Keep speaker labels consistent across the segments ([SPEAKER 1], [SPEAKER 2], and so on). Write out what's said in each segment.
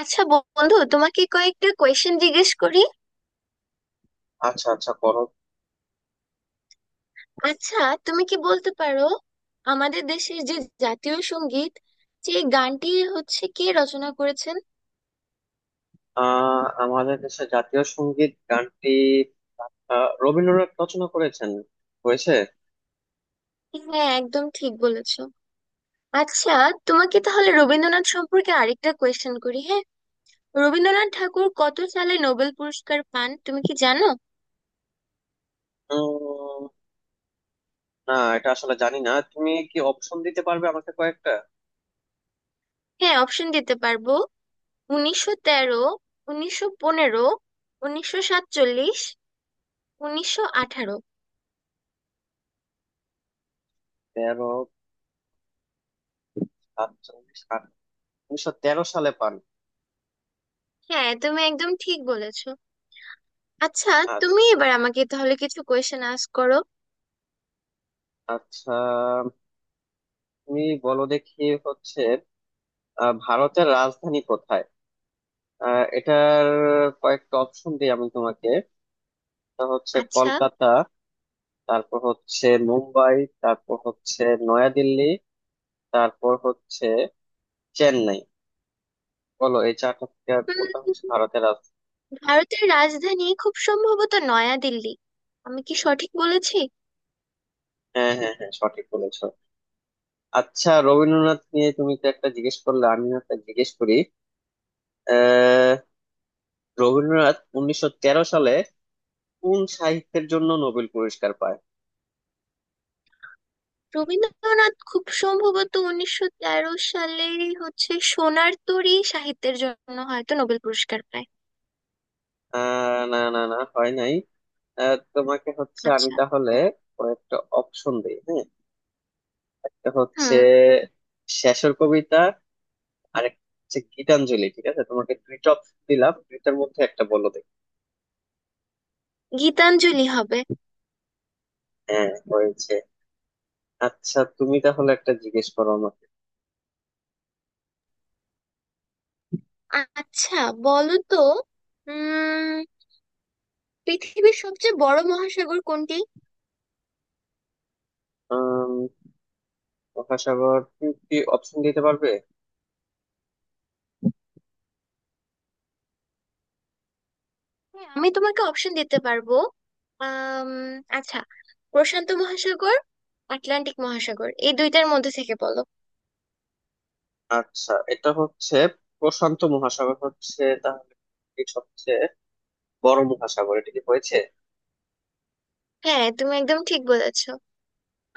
[SPEAKER 1] আচ্ছা, বন্ধু তোমাকে কয়েকটা কোয়েশ্চেন জিজ্ঞেস করি।
[SPEAKER 2] আচ্ছা, আচ্ছা করো।
[SPEAKER 1] আচ্ছা, তুমি কি বলতে পারো আমাদের দেশের যে জাতীয় সঙ্গীত সেই গানটি হচ্ছে কে রচনা করেছেন?
[SPEAKER 2] আমাদের দেশে জাতীয় সঙ্গীত গানটি রবীন্দ্রনাথ রচনা করেছেন, হয়েছে।
[SPEAKER 1] হ্যাঁ, একদম ঠিক বলেছো। আচ্ছা, তোমাকে তাহলে রবীন্দ্রনাথ সম্পর্কে আরেকটা কোয়েশ্চেন করি। হ্যাঁ, রবীন্দ্রনাথ ঠাকুর কত সালে নোবেল পুরস্কার পান তুমি কি জানো?
[SPEAKER 2] উম, না, এটা আসলে জানি না। তুমি কি অপশন দিতে পারবে আমাকে কয়েকটা?
[SPEAKER 1] হ্যাঁ, অপশন দিতে পারবো। 1913, 1915, 1947, 1918।
[SPEAKER 2] তেরো, সাতচল্লিশ, আট, 1913 সালে পান।
[SPEAKER 1] হ্যাঁ, তুমি একদম ঠিক বলেছো। আচ্ছা,
[SPEAKER 2] আ-
[SPEAKER 1] তুমি এবার আমাকে তাহলে কিছু কোয়েশ্চেন আস্ক করো।
[SPEAKER 2] আচ্ছা, তুমি বলো দেখি হচ্ছে ভারতের রাজধানী কোথায়? এটার কয়েকটা অপশন দিই আমি তোমাকে। এটা হচ্ছে
[SPEAKER 1] আচ্ছা।
[SPEAKER 2] কলকাতা, তারপর হচ্ছে মুম্বাই, তারপর হচ্ছে নয়াদিল্লি, তারপর হচ্ছে চেন্নাই। বলো এই চারটা থেকে আর কোনটা হচ্ছে
[SPEAKER 1] উম,
[SPEAKER 2] ভারতের রাজধানী।
[SPEAKER 1] ভারতের রাজধানী খুব সম্ভবত নয়াদিল্লি। আমি কি সঠিক বলেছি?
[SPEAKER 2] হ্যাঁ, হ্যাঁ, হ্যাঁ, সঠিক বলেছো। আচ্ছা, রবীন্দ্রনাথ নিয়ে তুমি তো একটা জিজ্ঞেস করলে, আমিও একটা জিজ্ঞেস করি। আহ রবীন্দ্রনাথ 1913 সালে কোন সাহিত্যের জন্য নোবেল পুরস্কার পায়?
[SPEAKER 1] রবীন্দ্রনাথ খুব সম্ভবত 1913 সালে হচ্ছে সোনার তরী সাহিত্যের জন্য হয়তো নোবেল পুরস্কার পায়।
[SPEAKER 2] না, না, না, হয় নাই। তোমাকে হচ্ছে আমি
[SPEAKER 1] আচ্ছা।
[SPEAKER 2] তাহলে কয়েকটা অপশন দিই, হ্যাঁ। একটা হচ্ছে
[SPEAKER 1] হুম।
[SPEAKER 2] শেষের কবিতা, আর একটা হচ্ছে গীতাঞ্জলি। ঠিক আছে, তোমাকে দুইটা অপশন দিলাম, দুইটার মধ্যে একটা বলো।
[SPEAKER 1] গীতাঞ্জলি হবে।
[SPEAKER 2] হ্যাঁ, হয়েছে। আচ্ছা, তুমি তাহলে একটা জিজ্ঞেস করো আমাকে।
[SPEAKER 1] আচ্ছা, বলো তো উম পৃথিবীর সবচেয়ে বড় মহাসাগর কোনটি?
[SPEAKER 2] আম, মহাসাগর, তুমি কি অপশন দিতে পারবে?
[SPEAKER 1] হ্যাঁ, আমি তোমাকে অপশন দিতে পারবো। আম, আচ্ছা। প্রশান্ত মহাসাগর, আটলান্টিক মহাসাগর, এই দুইটার মধ্যে থেকে বলো।
[SPEAKER 2] আচ্ছা, এটা হচ্ছে প্রশান্ত মহাসাগর হচ্ছে তাহলে পৃথিবীর সবচেয়ে বড় মহাসাগর, এটা কি হয়েছে?
[SPEAKER 1] হ্যাঁ, তুমি একদম ঠিক বলেছো।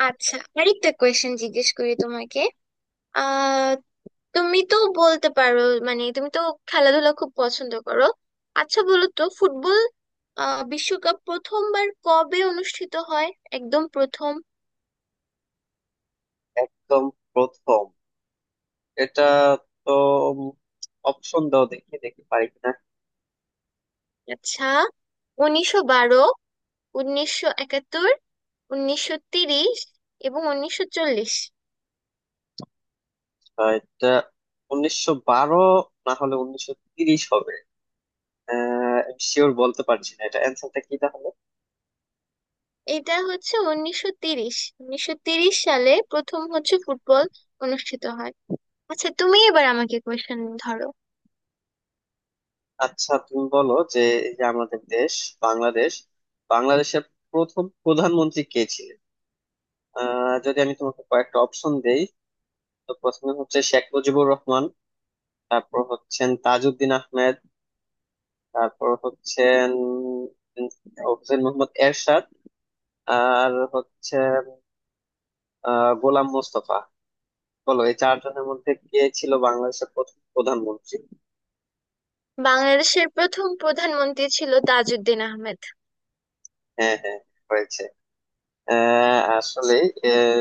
[SPEAKER 1] আচ্ছা, আরেকটা কোয়েশ্চেন জিজ্ঞেস করি তোমাকে। আহ তুমি তো বলতে পারো, মানে তুমি তো খেলাধুলা খুব পছন্দ করো। আচ্ছা, বলো তো ফুটবল বিশ্বকাপ প্রথমবার কবে অনুষ্ঠিত হয়? একদম প্রথম।
[SPEAKER 2] একদম প্রথম এটা তো, অপশন দাও দেখি, দেখি পারি কিনা।
[SPEAKER 1] আচ্ছা, 1912, 1971, 1930 এবং 1940।
[SPEAKER 2] এটা 1912 না হলে 1930 হবে। আহ শিওর বলতে পারছি না, এটা অ্যান্সারটা কি তাহলে?
[SPEAKER 1] এটা হচ্ছে 1930। 1930 সালে প্রথম হচ্ছে ফুটবল অনুষ্ঠিত হয়। আচ্ছা, তুমি এবার আমাকে কোশ্চেন ধরো।
[SPEAKER 2] আচ্ছা, তুমি বলো যে এই যে আমাদের দেশ বাংলাদেশ, বাংলাদেশের প্রথম প্রধানমন্ত্রী কে ছিলেন? যদি আমি তোমাকে কয়েকটা অপশন দেই, তো প্রথমে হচ্ছে শেখ মুজিবুর রহমান, তারপর হচ্ছেন তাজউদ্দিন আহমেদ, তারপর হচ্ছেন উম, হোসেন মোহাম্মদ এরশাদ, আর হচ্ছে গোলাম মোস্তফা। বলো এই চারজনের মধ্যে কে ছিল বাংলাদেশের প্রথম প্রধানমন্ত্রী।
[SPEAKER 1] বাংলাদেশের প্রথম প্রধানমন্ত্রী ছিল তাজউদ্দিন আহমেদ।
[SPEAKER 2] হ্যাঁ, হ্যাঁ, হয়েছে। আসলে আহ,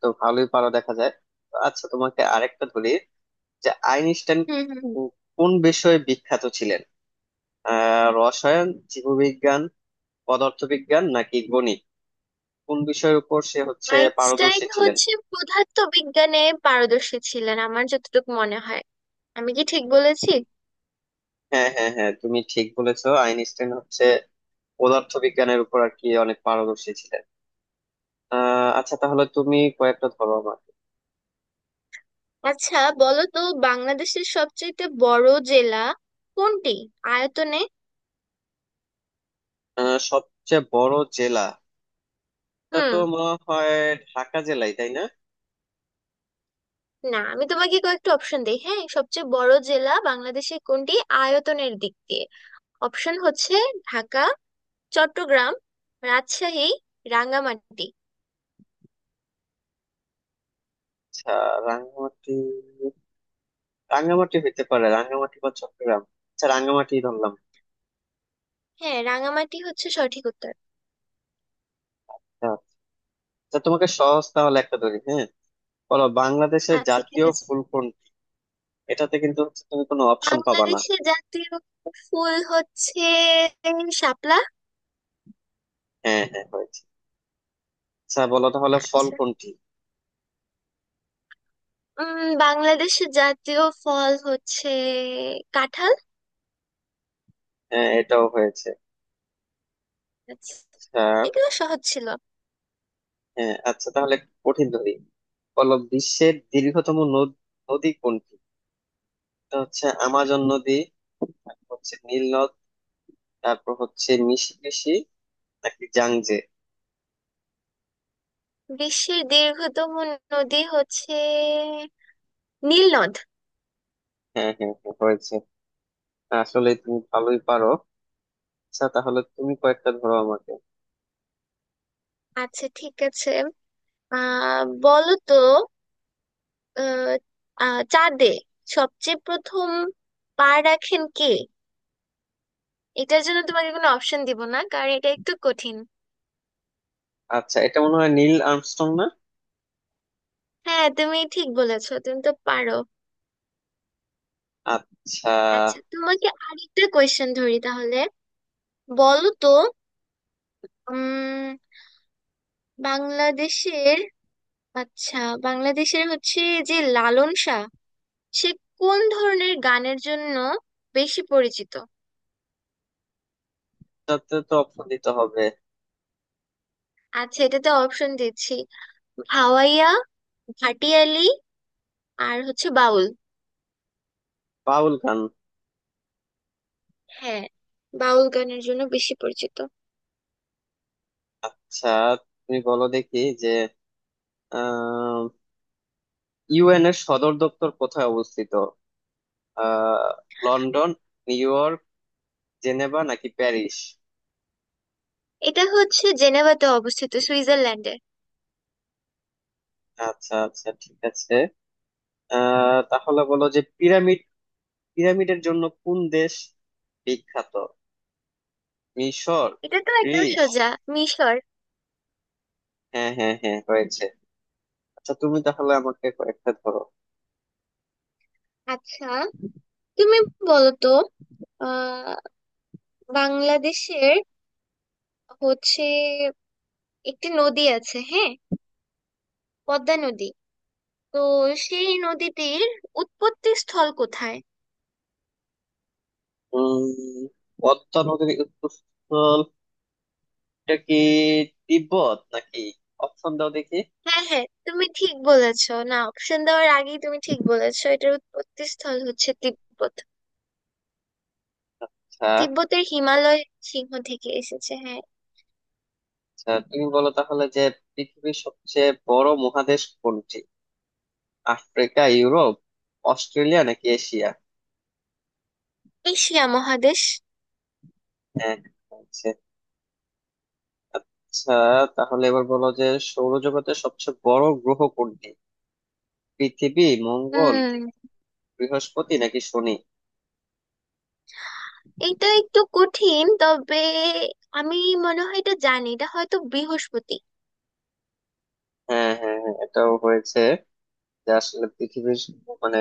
[SPEAKER 2] তো ভালোই পারো দেখা যায়। তো আচ্ছা, তোমাকে আরেকটা বলি যে আইনস্টাইন
[SPEAKER 1] হুম হুম।
[SPEAKER 2] কোন বিষয়ে বিখ্যাত ছিলেন? রসায়ন, জীববিজ্ঞান, পদার্থবিজ্ঞান নাকি গণিত? কোন বিষয়ের উপর সে হচ্ছে
[SPEAKER 1] আইনস্টাইন
[SPEAKER 2] পারদর্শী ছিলেন?
[SPEAKER 1] হচ্ছে পদার্থ বিজ্ঞানে পারদর্শী ছিলেন আমার যতটুকু মনে হয়। আমি কি ঠিক বলেছি?
[SPEAKER 2] হ্যাঁ, হ্যাঁ, হ্যাঁ, তুমি ঠিক বলেছো। আইনস্টাইন হচ্ছে পদার্থবিজ্ঞানের উপর আর কি অনেক পারদর্শী ছিলেন। আচ্ছা, তাহলে তুমি কয়েকটা ধরো আমাকে।
[SPEAKER 1] আচ্ছা, বলো তো বাংলাদেশের সবচেয়ে বড় জেলা কোনটি আয়তনে?
[SPEAKER 2] সবচেয়ে বড় জেলা, এটা
[SPEAKER 1] হুম।
[SPEAKER 2] তো মনে হয় ঢাকা জেলাই, তাই না?
[SPEAKER 1] না, আমি তোমাকে কয়েকটা অপশন দেই। হ্যাঁ, সবচেয়ে বড় জেলা বাংলাদেশে কোনটি আয়তনের দিক দিয়ে? অপশন হচ্ছে ঢাকা, চট্টগ্রাম, রাজশাহী, রাঙ্গামাটি।
[SPEAKER 2] আচ্ছা, রাঙ্গামাটি, রাঙ্গামাটি হইতে পারে, রাঙ্গামাটি বা চট্টগ্রাম। আচ্ছা, রাঙ্গামাটি ধরলাম।
[SPEAKER 1] হ্যাঁ, রাঙ্গামাটি হচ্ছে সঠিক উত্তর।
[SPEAKER 2] হ্যাঁ, আচ্ছা, তোমাকে সহজ তাহলে একটা ধরি, হ্যাঁ। বলো বাংলাদেশের
[SPEAKER 1] আচ্ছা, ঠিক
[SPEAKER 2] জাতীয়
[SPEAKER 1] আছে।
[SPEAKER 2] ফুল কোনটি। এটাতে কিন্তু হচ্ছে তুমি কোনো অপশন পাবা না।
[SPEAKER 1] বাংলাদেশের জাতীয় ফুল হচ্ছে শাপলা।
[SPEAKER 2] হ্যাঁ, হ্যাঁ, হয়েছে। আচ্ছা, বলো তাহলে ফল
[SPEAKER 1] আচ্ছা।
[SPEAKER 2] কোনটি।
[SPEAKER 1] বাংলাদেশের জাতীয় ফল হচ্ছে কাঁঠাল।
[SPEAKER 2] হ্যাঁ, এটাও হয়েছে।
[SPEAKER 1] আচ্ছা,
[SPEAKER 2] আচ্ছা।
[SPEAKER 1] এগুলো সহজ ছিল।
[SPEAKER 2] হ্যাঁ, আচ্ছা, তাহলে একটু কঠিন ধরি। বলো বিশ্বের দীর্ঘতম নদী কোনটি। এটা হচ্ছে আমাজন নদী, তারপর হচ্ছে নীল নদ, তারপর হচ্ছে মিসিসিপি নাকি জাংজে।
[SPEAKER 1] বিশ্বের দীর্ঘতম নদী হচ্ছে নীল নদ।
[SPEAKER 2] হ্যাঁ, হ্যাঁ, হ্যাঁ, হয়েছে। আসলে তুমি ভালোই পারো। আচ্ছা, তাহলে তুমি কয়েকটা ধরো আমাকে।
[SPEAKER 1] আচ্ছা, ঠিক আছে। বলো তো, আহ, আহ, চাঁদে সবচেয়ে প্রথম পা রাখেন কে? এটার জন্য তোমাকে কোনো অপশন দিব না কারণ এটা একটু কঠিন।
[SPEAKER 2] আচ্ছা, এটা মনে হয় নীল আর্মস্ট্রং, না?
[SPEAKER 1] হ্যাঁ, তুমি ঠিক বলেছো, তুমি তো পারো।
[SPEAKER 2] আচ্ছা,
[SPEAKER 1] আচ্ছা, তোমাকে আরেকটা কোয়েশ্চেন ধরি তাহলে। বলো তো উম বাংলাদেশের আচ্ছা বাংলাদেশের হচ্ছে যে লালন শাহ সে কোন ধরনের গানের জন্য বেশি পরিচিত?
[SPEAKER 2] তাতে তো অপশন দিতে হবে।
[SPEAKER 1] আচ্ছা, এটাতে অপশন দিচ্ছি। ভাওয়াইয়া, হাটিয়ালি আর হচ্ছে বাউল।
[SPEAKER 2] বাউল গান।
[SPEAKER 1] হ্যাঁ, বাউল গানের জন্য বেশি পরিচিত।
[SPEAKER 2] আচ্ছা, তুমি বলো দেখি যে আহ ইউএন এর সদর দপ্তর কোথায় অবস্থিত? আহ লন্ডন, নিউ ইয়র্ক, জেনেভা নাকি প্যারিস?
[SPEAKER 1] এটা হচ্ছে জেনেভাতে অবস্থিত সুইজারল্যান্ডে।
[SPEAKER 2] আচ্ছা, আচ্ছা, ঠিক আছে। তাহলে বলো যে পিরামিড, পিরামিডের জন্য কোন দেশ বিখ্যাত? মিশর,
[SPEAKER 1] এটা তো একদম
[SPEAKER 2] গ্রিস?
[SPEAKER 1] সোজা। মিশর।
[SPEAKER 2] হ্যাঁ, হ্যাঁ, হ্যাঁ, হয়েছে। আচ্ছা, তুমি তাহলে আমাকে কয়েকটা ধরো।
[SPEAKER 1] আচ্ছা, তুমি বলো তো আহ বাংলাদেশের হচ্ছে একটি নদী আছে, হ্যাঁ পদ্মা নদী। তো সেই নদীটির উৎপত্তি স্থল কোথায়?
[SPEAKER 2] উম পদ্মা নদীর উৎপস্থলটা কি তিব্বত নাকি? অপশন দাও দেখি।
[SPEAKER 1] হ্যাঁ, হ্যাঁ তুমি ঠিক বলেছো, না অপশন দেওয়ার আগেই তুমি ঠিক বলেছো। এটার উৎপত্তি স্থল হচ্ছে তিব্বত।
[SPEAKER 2] আচ্ছা।
[SPEAKER 1] তিব্বতের হিমালয় সিংহ থেকে এসেছে, হ্যাঁ।
[SPEAKER 2] আচ্ছা, তুমি বলো তাহলে যে পৃথিবীর সবচেয়ে বড় মহাদেশ কোনটি? আফ্রিকা, ইউরোপ, অস্ট্রেলিয়া নাকি এশিয়া?
[SPEAKER 1] এশিয়া মহাদেশ।
[SPEAKER 2] হ্যাঁ, আচ্ছা। আচ্ছা, তাহলে এবার বলো যে সৌরজগতের সবচেয়ে বড় গ্রহ কোনটি? পৃথিবী, মঙ্গল,
[SPEAKER 1] হুম।
[SPEAKER 2] বৃহস্পতি নাকি শনি?
[SPEAKER 1] এটা একটু কঠিন, তবে আমি মনে হয় এটা জানি। এটা হয়তো বৃহস্পতি।
[SPEAKER 2] হ্যাঁ, হ্যাঁ, হ্যাঁ, এটাও হয়েছে। যে আসলে পৃথিবীর মানে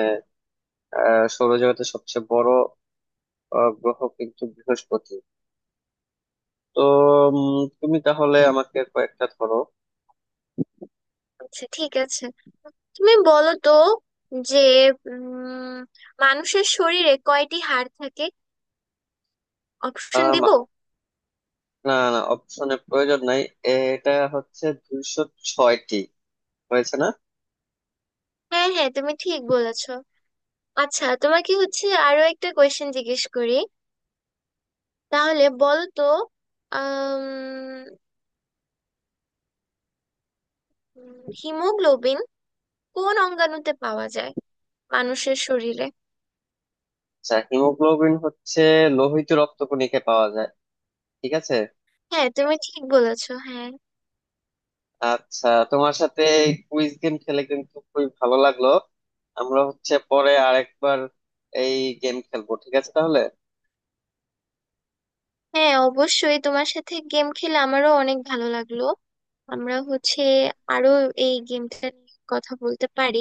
[SPEAKER 2] সৌরজগতের সবচেয়ে বড় গ্রহ কিন্তু বৃহস্পতি। তো তুমি তাহলে আমাকে কয়েকটা ধরো।
[SPEAKER 1] আচ্ছা, ঠিক আছে। তুমি বলো তো যে উম মানুষের শরীরে কয়টি হাড় থাকে? অপশন
[SPEAKER 2] আম,
[SPEAKER 1] দিব?
[SPEAKER 2] না, না, অপশনের প্রয়োজন নাই। এটা হচ্ছে 206টি, হয়েছে না?
[SPEAKER 1] হ্যাঁ, হ্যাঁ তুমি ঠিক বলেছো। আচ্ছা, তোমাকে হচ্ছে আরো একটা কোয়েশ্চেন জিজ্ঞেস করি। তাহলে বলো তো আহ হিমোগ্লোবিন কোন অঙ্গাণুতে পাওয়া যায় মানুষের শরীরে?
[SPEAKER 2] আচ্ছা, হিমোগ্লোবিন হচ্ছে লোহিত রক্তকণিকে পাওয়া যায়, ঠিক আছে।
[SPEAKER 1] হ্যাঁ, তুমি ঠিক বলেছো, হ্যাঁ।
[SPEAKER 2] আচ্ছা, তোমার সাথে কুইজ গেম খেলে কিন্তু খুবই ভালো লাগলো। আমরা হচ্ছে পরে আরেকবার এই গেম খেলবো, ঠিক আছে তাহলে।
[SPEAKER 1] হ্যাঁ, অবশ্যই তোমার সাথে গেম খেলে আমারও অনেক ভালো লাগলো। আমরা হচ্ছে আরো এই গেমটা নিয়ে কথা বলতে পারি।